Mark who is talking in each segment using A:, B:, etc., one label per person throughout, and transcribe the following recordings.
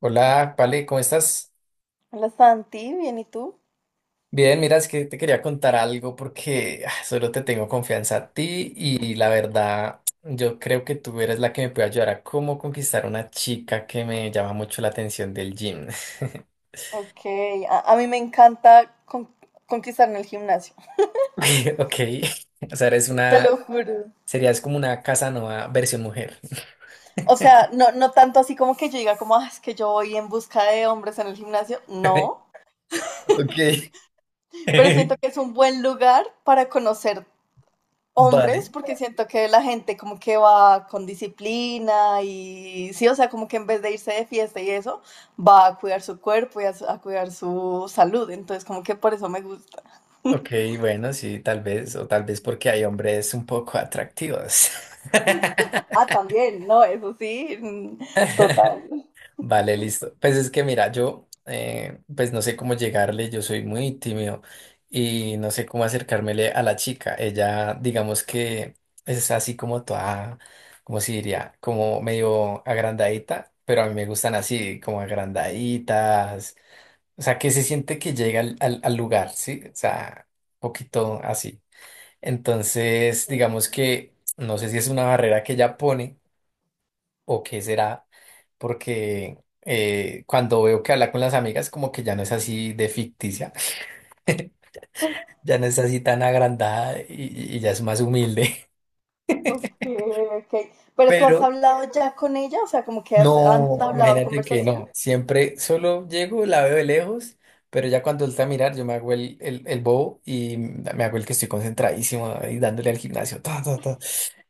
A: Hola, Pale, ¿cómo estás?
B: Hola Santi, bien, ¿y tú?
A: Bien, mira, es que te quería contar algo porque solo te tengo confianza a ti y la verdad, yo creo que tú eres la que me puede ayudar a cómo conquistar una chica que me llama mucho la atención del gym.
B: Ok, a mí me encanta conquistar en el gimnasio,
A: Ay, ok. O sea, eres
B: te
A: una,
B: lo juro.
A: serías como una Casanova versión mujer.
B: O sea, no, no tanto así como que yo diga como, "Ah, es que yo voy en busca de hombres en el gimnasio, no,
A: Ok.
B: pero siento que es un buen lugar para conocer
A: Vale.
B: hombres porque siento que la gente como que va con disciplina y sí, o sea, como que en vez de irse de fiesta y eso, va a cuidar su cuerpo y a cuidar su salud, entonces como que por eso me gusta.
A: Ok, bueno, sí, tal vez, o tal vez porque hay hombres un poco atractivos.
B: Ah, también, no, eso sí, mm, total.
A: Vale, listo. Pues es que mira, yo pues no sé cómo llegarle, yo soy muy tímido y no sé cómo acercármele a la chica. Ella, digamos que es así como toda, como si diría, como medio agrandadita, pero a mí me gustan así, como agrandaditas. O sea, que se siente que llega al lugar, ¿sí? O sea, un poquito así. Entonces, digamos que no sé si es una barrera que ella pone, ¿o qué será? Porque cuando veo que habla con las amigas, como que ya no es así de ficticia, ya no es así tan agrandada y ya es más humilde.
B: Ok, ok. Pero tú has
A: Pero
B: hablado ya con ella, o sea, como que han
A: no,
B: hablado
A: imagínate que
B: conversación.
A: no, siempre solo llego, la veo de lejos, pero ya cuando está a mirar, yo me hago el bobo y me hago el que estoy concentradísimo y dándole al gimnasio. Ta, ta, ta.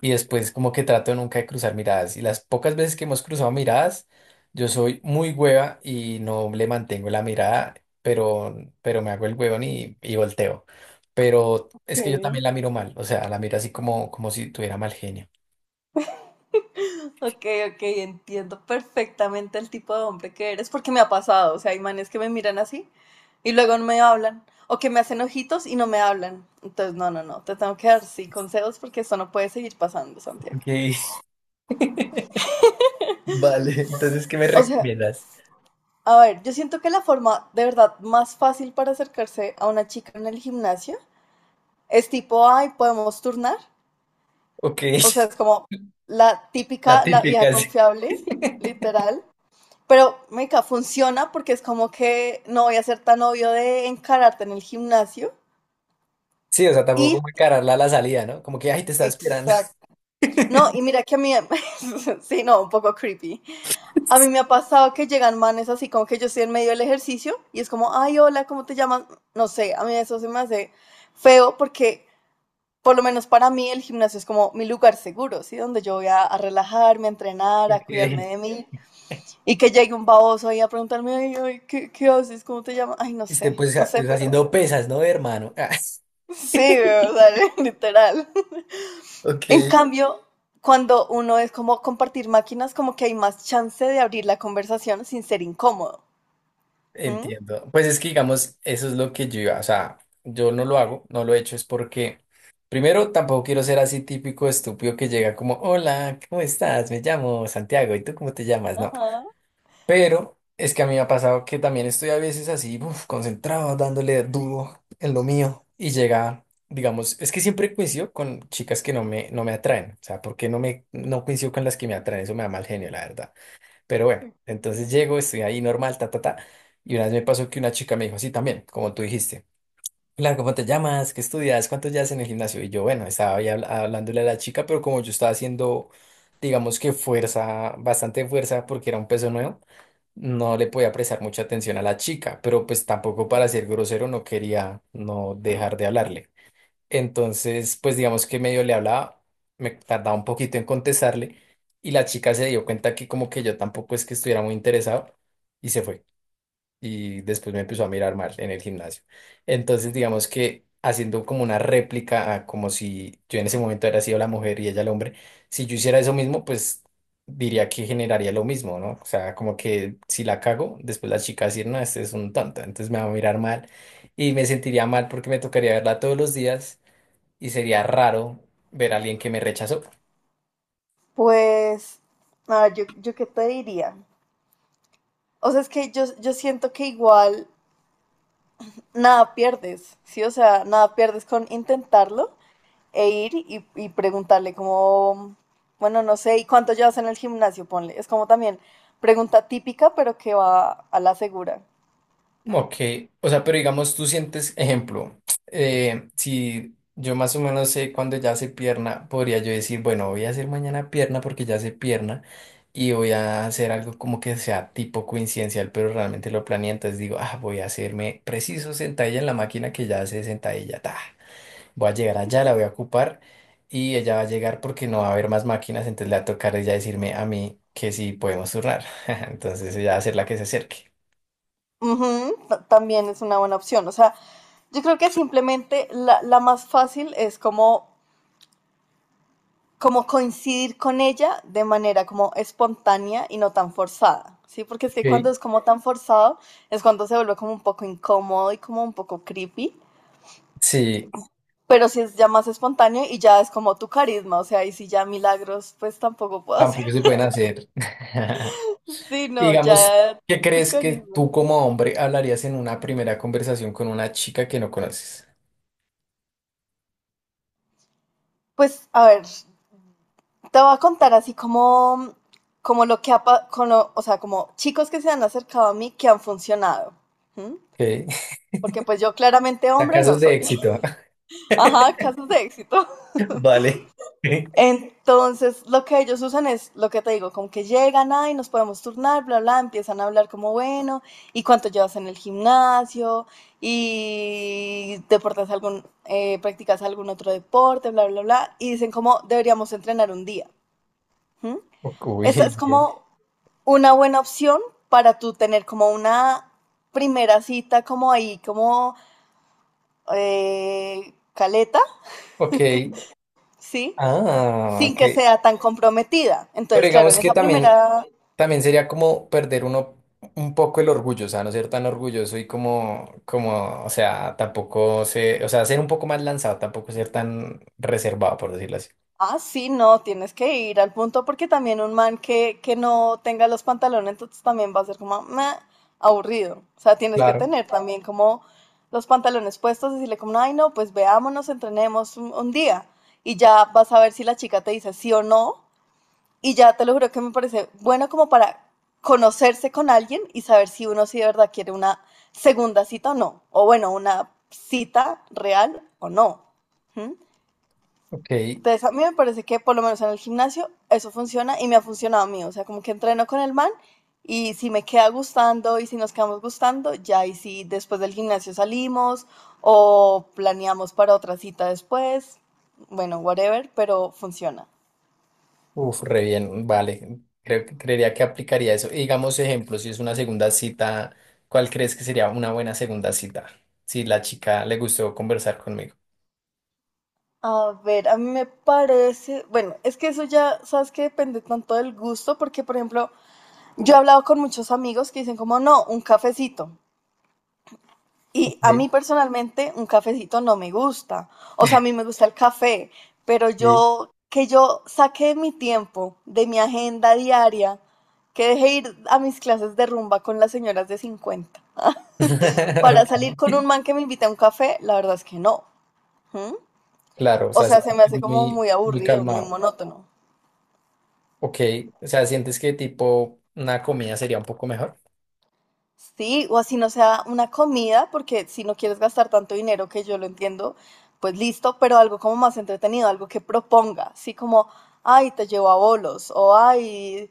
A: Y después como que trato nunca de cruzar miradas. Y las pocas veces que hemos cruzado miradas, yo soy muy hueva y no le mantengo la mirada, pero, pero me hago el huevón y volteo. Pero es que yo
B: Okay.
A: también la miro mal, o sea, la miro así como, como si tuviera mal genio.
B: Ok, ok, entiendo perfectamente el tipo de hombre que eres, porque me ha pasado, o sea, hay manes que me miran así y luego no me hablan, o que me hacen ojitos y no me hablan. Entonces, no, te tengo que dar sí consejos porque esto no puede seguir pasando, Santiago.
A: Ok. Vale, entonces, ¿qué me
B: O sea,
A: recomiendas?
B: a ver, yo siento que la forma de verdad más fácil para acercarse a una chica en el gimnasio es tipo, ay, podemos turnar.
A: Ok.
B: O sea, es como
A: La
B: la vieja
A: típica, sí.
B: confiable, literal. Pero, meca, funciona porque es como que no voy a ser tan obvio de encararte en el gimnasio.
A: Sí, o sea, tampoco
B: Y,
A: como encararla a la salida, ¿no? Como que, ay, te estaba esperando.
B: exacto. No, y mira que a mí, sí, no, un poco creepy. A mí me ha pasado que llegan manes así como que yo estoy en medio del ejercicio y es como, ay, hola, ¿cómo te llamas? No sé, a mí eso se me hace feo porque por lo menos para mí el gimnasio es como mi lugar seguro, ¿sí? Donde yo voy a relajarme, a entrenar, a cuidarme
A: Ok.
B: de mí. Y que llegue un baboso ahí a preguntarme, ay, ay, ¿ qué haces? ¿Cómo te llamas? Ay, no
A: Este,
B: sé,
A: pues,
B: no sé,
A: pues
B: pero
A: haciendo pesas, ¿no, hermano? Ah,
B: sí, o sea, literal. En
A: ok.
B: cambio, cuando uno es como compartir máquinas, como que hay más chance de abrir la conversación sin ser incómodo. ¿Mm?
A: Entiendo. Pues es que, digamos, eso es lo que yo iba, o sea, yo no lo hago, no lo he hecho, es porque, primero, tampoco quiero ser así típico estúpido que llega como, hola, ¿cómo estás? Me llamo Santiago, ¿y tú cómo te llamas? No,
B: Ajá.
A: pero es que a mí me ha pasado que también estoy a veces así, uf, concentrado, dándole duro en lo mío, y llega, digamos, es que siempre coincido con chicas que no me atraen, o sea, porque no me, no coincido con las que me atraen, eso me da mal genio, la verdad. Pero bueno,
B: Sí.
A: entonces llego, estoy ahí normal, ta, ta, ta. Y una vez me pasó que una chica me dijo, sí, también, como tú dijiste. Claro, ¿cómo te llamas? ¿Qué estudias? ¿Cuánto llevas en el gimnasio? Y yo, bueno, estaba ahí hablándole a la chica, pero como yo estaba haciendo, digamos que fuerza, bastante fuerza, porque era un peso nuevo, no le podía prestar mucha atención a la chica, pero pues tampoco para ser grosero no quería no dejar de hablarle. Entonces, pues digamos que medio le hablaba, me tardaba un poquito en contestarle y la chica se dio cuenta que como que yo tampoco es que estuviera muy interesado y se fue. Y después me empezó a
B: Sí.
A: mirar mal en el gimnasio. Entonces, digamos que haciendo como una réplica, a como si yo en ese momento hubiera sido la mujer y ella el hombre, si yo hiciera eso mismo, pues diría que generaría lo mismo, ¿no? O sea, como que si la cago, después la chica va a decir, no, este es un tonto, entonces me va a mirar mal y me sentiría mal porque me tocaría verla todos los días y sería raro ver a alguien que me rechazó.
B: Pues, a ver, yo qué te diría. O sea, es que yo siento que igual nada pierdes, ¿sí? O sea, nada pierdes con intentarlo e ir y preguntarle como, bueno, no sé, ¿y cuánto llevas en el gimnasio? Ponle. Es como también pregunta típica, pero que va a la segura.
A: Como que, o sea, pero digamos, tú sientes, ejemplo, si yo más o menos sé cuándo ya hace pierna, podría yo decir, bueno, voy a hacer mañana pierna porque ya hace pierna y voy a hacer algo como que sea tipo coincidencial, pero realmente lo planeé, entonces digo, ah, voy a hacerme preciso sentadilla en la máquina que ya hace sentadilla, ta. Voy a llegar allá, la voy a ocupar y ella va a llegar porque no va a haber más máquinas, entonces le va a tocar a ella decirme a mí que sí podemos turnar. Entonces ella va a ser la que se acerque.
B: Ujú, también es una buena opción. O sea, yo creo que simplemente la más fácil es como, como coincidir con ella de manera como espontánea y no tan forzada, ¿sí? Porque es que
A: Ok.
B: cuando es como tan forzado es cuando se vuelve como un poco incómodo y como un poco creepy.
A: Sí,
B: Pero si es ya más espontáneo y ya es como tu carisma, o sea, y si ya milagros, pues tampoco puedo hacer.
A: tampoco se pueden hacer.
B: Sí,
A: Y
B: no,
A: digamos,
B: ya
A: ¿qué
B: tu
A: crees que tú
B: carisma.
A: como hombre hablarías en una primera conversación con una chica que no conoces?
B: Pues, a ver, te voy a contar así como, como lo que ha, pa- con lo- o sea, como chicos que se han acercado a mí que han funcionado. ¿M?
A: Ok.
B: Porque pues yo claramente
A: A
B: hombre no
A: casos de
B: soy.
A: éxito.
B: Ajá, casos de éxito.
A: Vale.
B: Entonces, lo que ellos usan es lo que te digo, como que llegan, ay, nos podemos turnar, bla, bla, empiezan a hablar como, bueno, ¿y cuánto llevas en el gimnasio? ¿Y practicas algún otro deporte, bla, bla, bla? Y dicen como, deberíamos entrenar un día. ¿M?
A: Uy,
B: Esa es
A: bien.
B: como una buena opción para tú tener como una primera cita como ahí, como caleta,
A: Ok.
B: ¿sí?
A: Ah,
B: Sin
A: ok.
B: que sea tan comprometida.
A: Pero
B: Entonces, claro,
A: digamos
B: en
A: que
B: esa
A: también
B: primera...
A: también sería como perder uno un poco el orgullo, o sea, no ser tan orgulloso y como, como, o sea, tampoco ser, o sea, ser un poco más lanzado, tampoco ser tan reservado, por decirlo así.
B: Ah, sí, no, tienes que ir al punto porque también un man que no tenga los pantalones, entonces también va a ser como "Meh", aburrido. O sea, tienes que
A: Claro.
B: tener también como los pantalones puestos, decirle como, ay, no, pues veámonos, entrenemos un día y ya vas a ver si la chica te dice sí o no. Y ya te lo juro que me parece bueno como para conocerse con alguien y saber si uno sí de verdad quiere una segunda cita o no. O bueno, una cita real o no. ¿Mm?
A: Ok,
B: Entonces, a mí me parece que por lo menos en el gimnasio eso funciona y me ha funcionado a mí. O sea, como que entreno con el man y si me queda gustando y si nos quedamos gustando, ya y si después del gimnasio salimos o planeamos para otra cita después, bueno, whatever, pero funciona.
A: uf, re bien, vale. Creo que creería que aplicaría eso. Y digamos, ejemplo, si es una segunda cita, ¿cuál crees que sería una buena segunda cita? Si la chica le gustó conversar conmigo.
B: A ver, a mí me parece, bueno, es que eso ya, sabes que depende tanto del gusto, porque por ejemplo, yo he hablado con muchos amigos que dicen como, no, un cafecito.
A: Ok.
B: Y a mí personalmente un cafecito no me gusta. O sea, a mí me gusta el café, pero
A: Sí.
B: yo que yo saqué mi tiempo de mi agenda diaria, que dejé ir a mis clases de rumba con las señoras de 50 para salir con
A: Ok,
B: un man que me invite a un café, la verdad es que no. ¿Mm?
A: claro, o
B: O
A: sea, sí,
B: sea, se me hace
A: es
B: como
A: muy,
B: muy
A: muy
B: aburrido, muy
A: calmado.
B: monótono.
A: Ok, o sea, ¿sientes que tipo una comida sería un poco mejor?
B: Sí, o así no sea una comida, porque si no quieres gastar tanto dinero, que yo lo entiendo, pues listo, pero algo como más entretenido, algo que proponga, así como, ay, te llevo a bolos, o ay,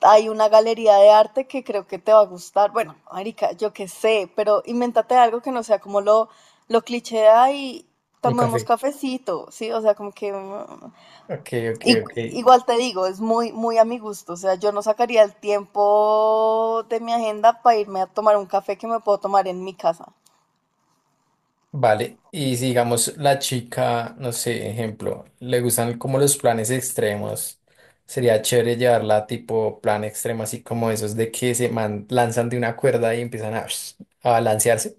B: hay una galería de arte que creo que te va a gustar. Bueno, marica, yo qué sé, pero invéntate algo que no sea como lo cliché, ay,
A: Un
B: tomemos
A: café.
B: cafecito, ¿sí? O sea, como que, mm,
A: Ok, ok,
B: I-
A: ok.
B: igual te digo, es muy, muy a mi gusto. O sea, yo no sacaría el tiempo de mi agenda para irme a tomar un café que me puedo tomar en mi casa.
A: Vale. Y si digamos la chica, no sé, ejemplo, le gustan como los planes extremos, sería chévere llevarla tipo plan extremo, así como esos de que se lanzan de una cuerda y empiezan a balancearse.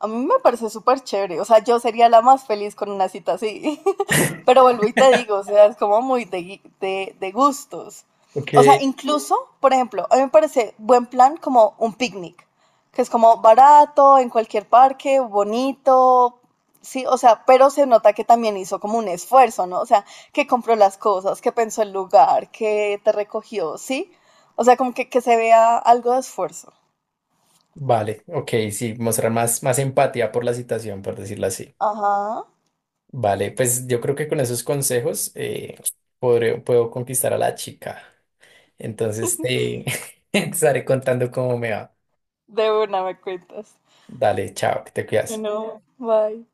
B: A mí me parece súper chévere, o sea, yo sería la más feliz con una cita así, pero vuelvo y te digo, o sea, es como muy de gustos.
A: Ok,
B: O sea, incluso, por ejemplo, a mí me parece buen plan como un picnic, que es como barato, en cualquier parque, bonito, sí, o sea, pero se nota que también hizo como un esfuerzo, ¿no? O sea, que compró las cosas, que pensó el lugar, que te recogió, ¿sí? O sea, como que se vea algo de esfuerzo.
A: vale, ok, sí, mostrar más, más empatía por la situación, por decirlo así.
B: Ajá,
A: Vale, pues yo creo que con esos consejos puedo conquistar a la chica. Entonces te, te estaré contando cómo me va.
B: de una me cuentas.
A: Dale, chao, que te
B: You
A: cuidas.
B: know, bye.